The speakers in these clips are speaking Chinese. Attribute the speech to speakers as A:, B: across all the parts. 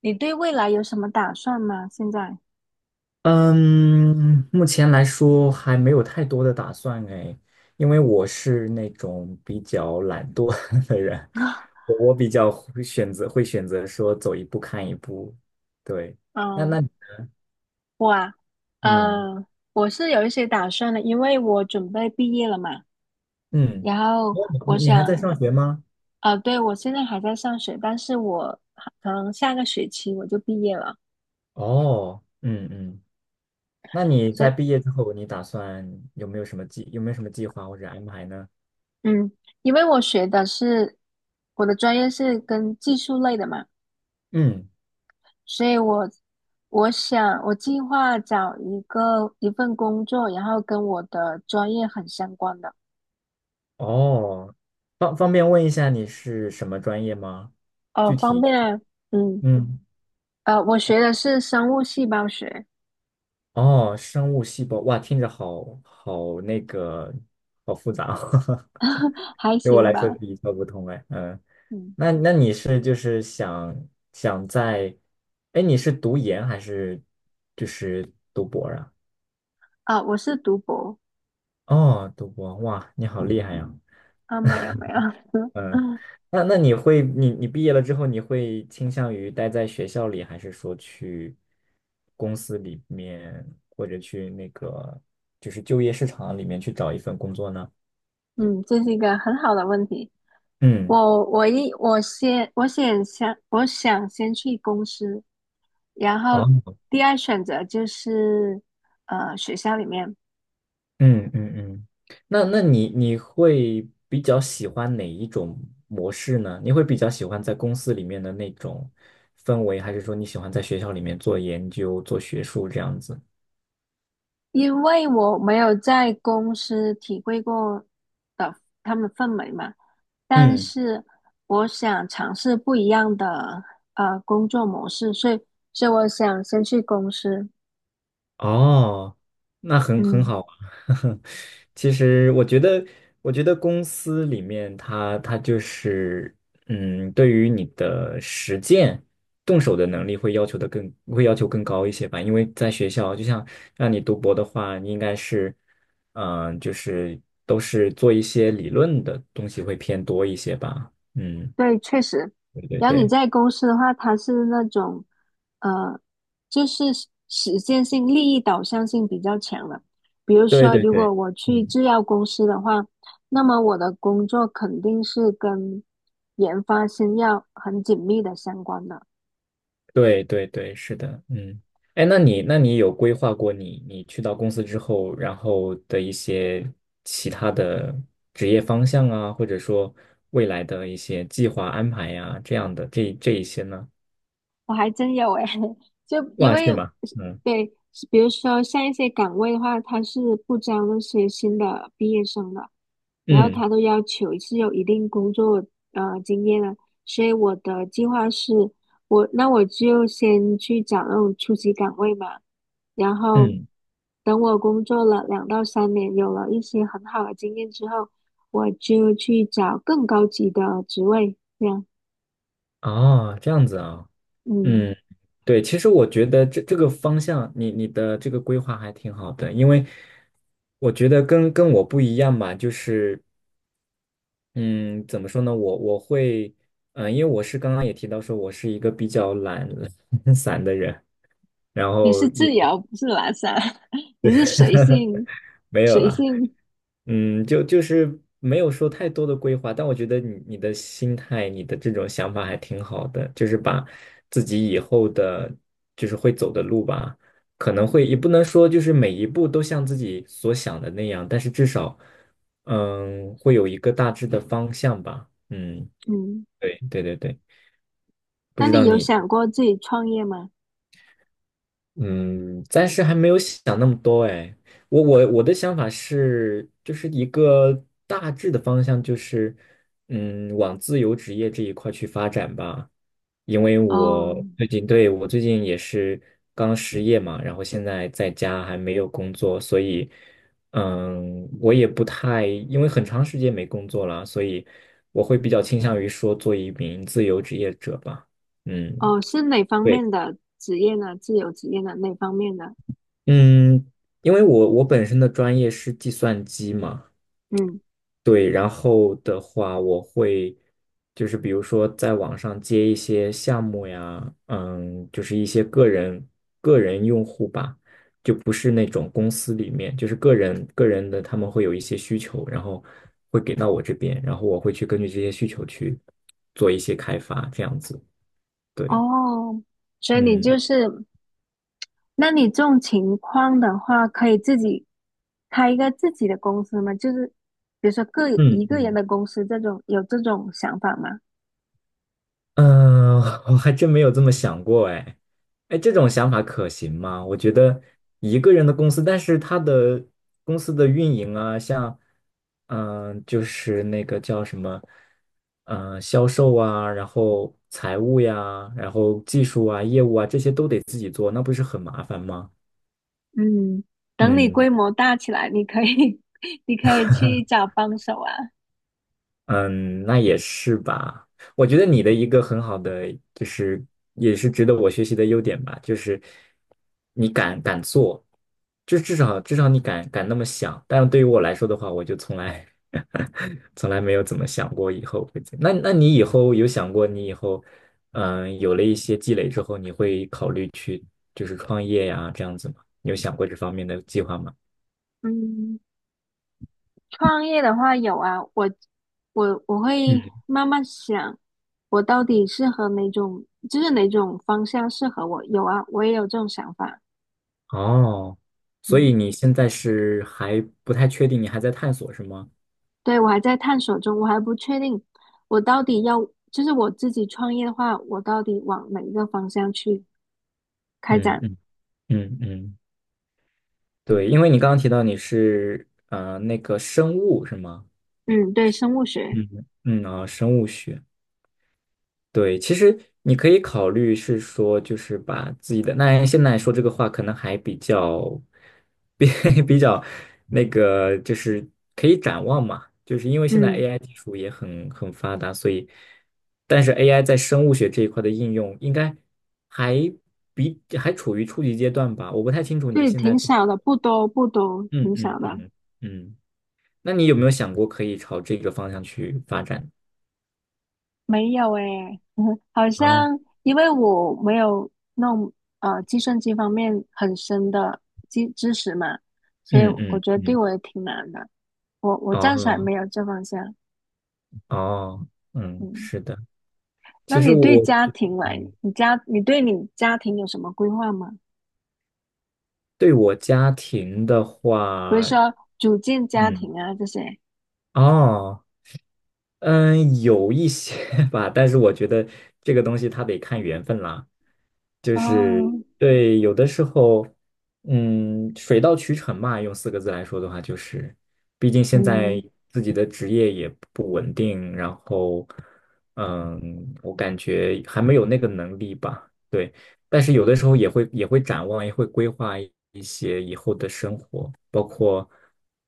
A: 你对未来有什么打算吗？现在，
B: 嗯，目前来说还没有太多的打算哎，因为我是那种比较懒惰 的人，我比较会选择说走一步看一步。对，。那
A: 嗯，
B: 那
A: 我啊，
B: 嗯
A: 呃，我是有一些打算的，因为我准备毕业了嘛。
B: 嗯，
A: 然后
B: 哦，
A: 我
B: 你还在
A: 想，
B: 上学吗？
A: 啊，对，我现在还在上学，但是我可能下个学期我就毕业了。
B: 哦，嗯嗯，那你
A: 所以，
B: 在毕业之后，你打算有没有什么计划或者安排呢？
A: 嗯，因为我的专业是跟技术类的嘛，
B: 嗯，
A: 所以我计划找一份工作，然后跟我的专业很相关的。
B: 哦，。方便问一下你是什么专业吗？
A: 哦，
B: 具
A: 方
B: 体？
A: 便啊，嗯，
B: 嗯。
A: 我学的是生物细胞学，
B: 哦，生物细胞，哇，听着好那个，，好复杂哦，。
A: 还
B: 对我
A: 行
B: 来说是
A: 吧，
B: 一窍不通哎。嗯，。
A: 嗯，
B: 你是就是想在，，哎，，你是读研还是就是读博啊？
A: 啊，我是读博，
B: 哦，读博，，哇，你好厉害呀！
A: 啊，没有没有，
B: 嗯，。那你会，你毕业了之后，你会倾向于待在学校里，还是说去公司里面，或者去那个就是就业市场里面去找一份工作呢？
A: 嗯，这是一个很好的问题，
B: 嗯，
A: 我我一我先我先想我想先去公司，然后
B: 哦，
A: 第二选择就是学校里面，
B: 嗯嗯嗯，。你会比较喜欢哪一种模式呢？你会比较喜欢在公司里面的那种氛围，还是说你喜欢在学校里面做研究、做学术这样子？
A: 因为我没有在公司体会过的他们氛围嘛，但
B: 嗯。
A: 是我想尝试不一样的工作模式，所以我想先去公司，
B: 哦，那很
A: 嗯。
B: 好啊。其实我觉得，，我觉得公司里面它就是，对于你的实践、动手的能力会要求更高一些吧。因为在学校，就像让你读博的话，你应该是，，就是都是做一些理论的东西会偏多一些吧。嗯，
A: 对，确实。
B: 对对
A: 然后你
B: 对，
A: 在公司的话，它是那种，呃，就是实践性、利益导向性比较强的。比如
B: 对
A: 说，
B: 对
A: 如
B: 对，
A: 果我去
B: 嗯。
A: 制药公司的话，那么我的工作肯定是跟研发新药很紧密的相关的。
B: 对对对，是的，嗯，哎，那你有规划过你去到公司之后，，然后的一些其他的职业方向啊，或者说未来的一些计划安排呀、这样的这一些呢？
A: 我还真有诶，就因
B: 哇，
A: 为
B: 是吗？嗯
A: 对，比如说像一些岗位的话，他是不招那些新的毕业生的，然后
B: 嗯
A: 他都要求是有一定工作经验的，所以我的计划是，那我就先去找那种初级岗位嘛，然后
B: 嗯，
A: 等我工作了两到三年，有了一些很好的经验之后，我就去找更高级的职位，这样，
B: 哦，这样子啊，
A: 嗯。
B: 嗯，对，其实我觉得这个方向，你的这个规划还挺好的，因为我觉得跟我不一样吧，就是。嗯，怎么说呢？我会，因为我是刚刚也提到说，我是一个比较懒 散的人，然
A: 你
B: 后
A: 是
B: 也
A: 自由，不是拉萨，你是随性，
B: 没有
A: 随
B: 啦，
A: 性。
B: 就是没有说太多的规划，但我觉得你的心态，你的这种想法还挺好的，就是把自己以后的，，就是会走的路吧，可能会也不能说就是每一步都像自己所想的那样，但是至少，，会有一个大致的方向吧。嗯，
A: 嗯，
B: 对对对对，不
A: 那
B: 知
A: 你
B: 道
A: 有
B: 你。
A: 想过自己创业吗？
B: 嗯，暂时还没有想那么多哎，我的想法是，就是一个大致的方向，就是往自由职业这一块去发展吧。因为我
A: 哦，
B: 最近对我最近也是刚失业嘛，然后现在在家还没有工作，所以我也不太，，因为很长时间没工作了，所以我会比较倾向于说做一名自由职业者吧。嗯。
A: 哦，是哪方
B: 对。
A: 面的职业呢？自由职业呢？哪方面的？
B: 嗯，因为我本身的专业是计算机嘛，
A: 嗯，
B: 对，然后的话我会就是比如说在网上接一些项目呀，嗯，就是一些个人用户吧，就不是那种公司里面，就是个人的他们会有一些需求，然后会给到我这边，然后我会去根据这些需求去做一些开发，这样子，对，
A: 哦，所以你
B: 嗯
A: 就是，那你这种情况的话，可以自己开一个自己的公司吗？就是比如说一
B: 嗯
A: 个人
B: 嗯。
A: 的公司这种，有这种想法吗？
B: 嗯，我还真没有这么想过哎，哎，这种想法可行吗？我觉得一个人的公司，但是他的公司的运营啊，像就是那个叫什么，嗯，销售啊，然后财务呀，然后技术啊、业务啊，这些都得自己做，那不是很麻烦吗？
A: 嗯，等你
B: 嗯。
A: 规模大起来，你可以，你可以去 找帮手啊。
B: 嗯，那也是吧。我觉得你的一个很好的，，就是也是值得我学习的优点吧，就是你敢做，就至少你敢那么想。但是对于我来说的话，我就从来 从来没有怎么想过以后会怎你以后有想过，你以后嗯有了一些积累之后，你会考虑去就是创业呀这样子吗？你有想过这方面的计划吗？
A: 嗯。创业的话有啊，我会
B: 嗯。
A: 慢慢想，我到底适合就是哪种方向适合我。有啊，我也有这种想法。
B: 哦，所以
A: 嗯，
B: 你现在是还不太确定，你还在探索是吗？
A: 对，我还在探索中，我还不确定我到底要，就是我自己创业的话，我到底往哪一个方向去开
B: 嗯
A: 展？
B: 嗯嗯嗯，对，因为你刚刚提到你是那个生物是吗？
A: 嗯，对，生物学，
B: 嗯嗯啊，生物学。对，其实你可以考虑是说，就是把自己的，，那现在说这个话可能还比较，，比 比较那个，，就是可以展望嘛，就是因为现在
A: 嗯，
B: AI 技术也很发达，所以，但是 AI 在生物学这一块的应用应该还比还处于初级阶段吧。我不太清楚你
A: 对，
B: 现在，，
A: 挺少的，不多不多，
B: 嗯
A: 挺少
B: 嗯
A: 的。
B: 嗯嗯，。那你有没有想过可以朝这个方向去发展
A: 没有诶，好
B: 啊？
A: 像因为我没有弄计算机方面很深的知识嘛，所以
B: 嗯
A: 我
B: 嗯
A: 觉得对
B: 嗯，。
A: 我也挺难的。我暂时还
B: 哦。
A: 没有这方向。
B: 哦，，嗯，
A: 嗯，
B: 是的。
A: 那
B: 其实
A: 你对
B: 我，，
A: 家庭来，
B: 嗯，
A: 你家你对你家庭有什么规划吗？
B: 对我家庭的
A: 比如
B: 话，，
A: 说组建家
B: 嗯，，
A: 庭啊这些。
B: 哦，，嗯，，有一些 吧，但是我觉得这个东西它得看缘分啦。就
A: 哦，
B: 是对，，有的时候，，水到渠成嘛。用四个字来说的话，就是，，毕竟现在
A: 嗯
B: 自己的职业也不稳定，然后，，我感觉还没有那个能力吧。对，但是有的时候也会展望，也会规划一些以后的生活，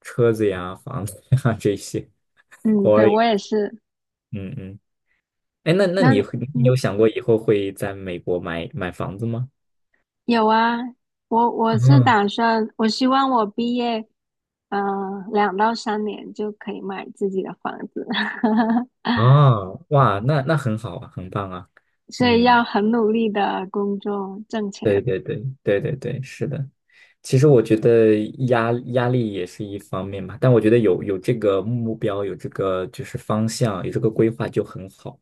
B: 车子呀、房子呀 这些，偶
A: 嗯，对
B: 尔也
A: 我
B: 会。
A: 也是。
B: 嗯嗯。哎，那
A: 那
B: 你
A: 你
B: 会你
A: 嗯。
B: 有想过以后会在美国买房子吗？
A: 有啊，我是
B: 啊，
A: 打算，我希望我毕业，呃，两到三年就可以买自己的房子，
B: 啊，哇，那那很好啊，很棒啊。
A: 所以要
B: 嗯，
A: 很努力的工作挣
B: 对
A: 钱。
B: 对对对对对，是的。其实我觉得压力也是一方面嘛，但我觉得有这个目标，有这个就是方向，有这个规划就很好，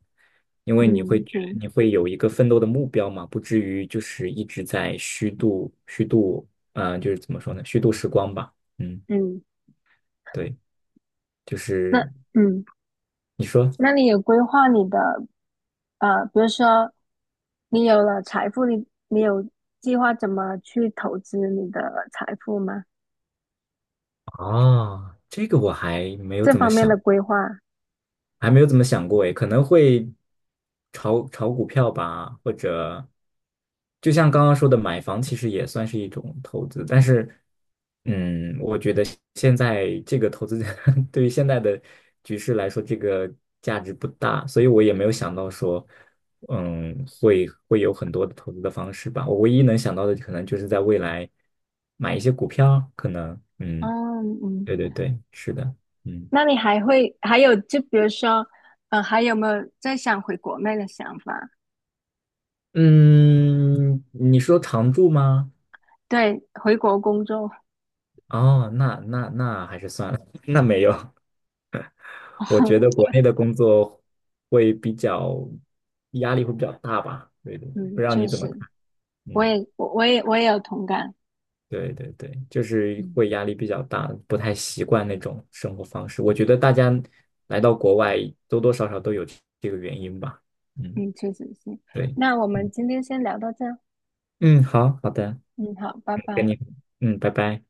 B: 因为
A: 嗯，对，
B: 你会有一个奋斗的目标嘛，不至于就是一直在虚度，就是怎么说呢，虚度时光吧。嗯，
A: 嗯，
B: 对，就
A: 那
B: 是
A: 嗯，
B: 你说
A: 那你有规划你的比如说你有了财富，你有计划怎么去投资你的财富吗？
B: 啊，这个我还没有
A: 这
B: 怎么
A: 方面的
B: 想。
A: 规划。
B: 还没有怎么想过诶，可能会炒股票吧，或者就像刚刚说的，买房其实也算是一种投资，但是，嗯，我觉得现在这个投资 对于现在的局势来说，这个价值不大，所以我也没有想到说，，会有很多的投资的方式吧。我唯一能想到的，可能就是在未来买一些股票，可能，嗯，
A: 嗯，
B: 对对对，是的，嗯。
A: 那你还会还有就比如说，还有没有在想回国内的想法？
B: 嗯，你说常住吗？
A: 对，回国工作，
B: 哦，那还是算了，那没有。我觉 得
A: 我
B: 国内的工作会比较压力会比较大吧？对对，对不
A: 嗯，
B: 知道
A: 确
B: 你怎么
A: 实，
B: 看？
A: 我
B: 嗯，
A: 也我我也我也有同感，
B: 对对对，就是
A: 嗯
B: 会压力比较大，不太习惯那种生活方式。我觉得大家来到国外多多少少都有这个原因吧。嗯，
A: 嗯，确实是。
B: 对，
A: 那我
B: 嗯
A: 们今天先聊到这儿，
B: 嗯，好好的，
A: 嗯，好，拜
B: 跟
A: 拜。
B: 你，，嗯，拜拜。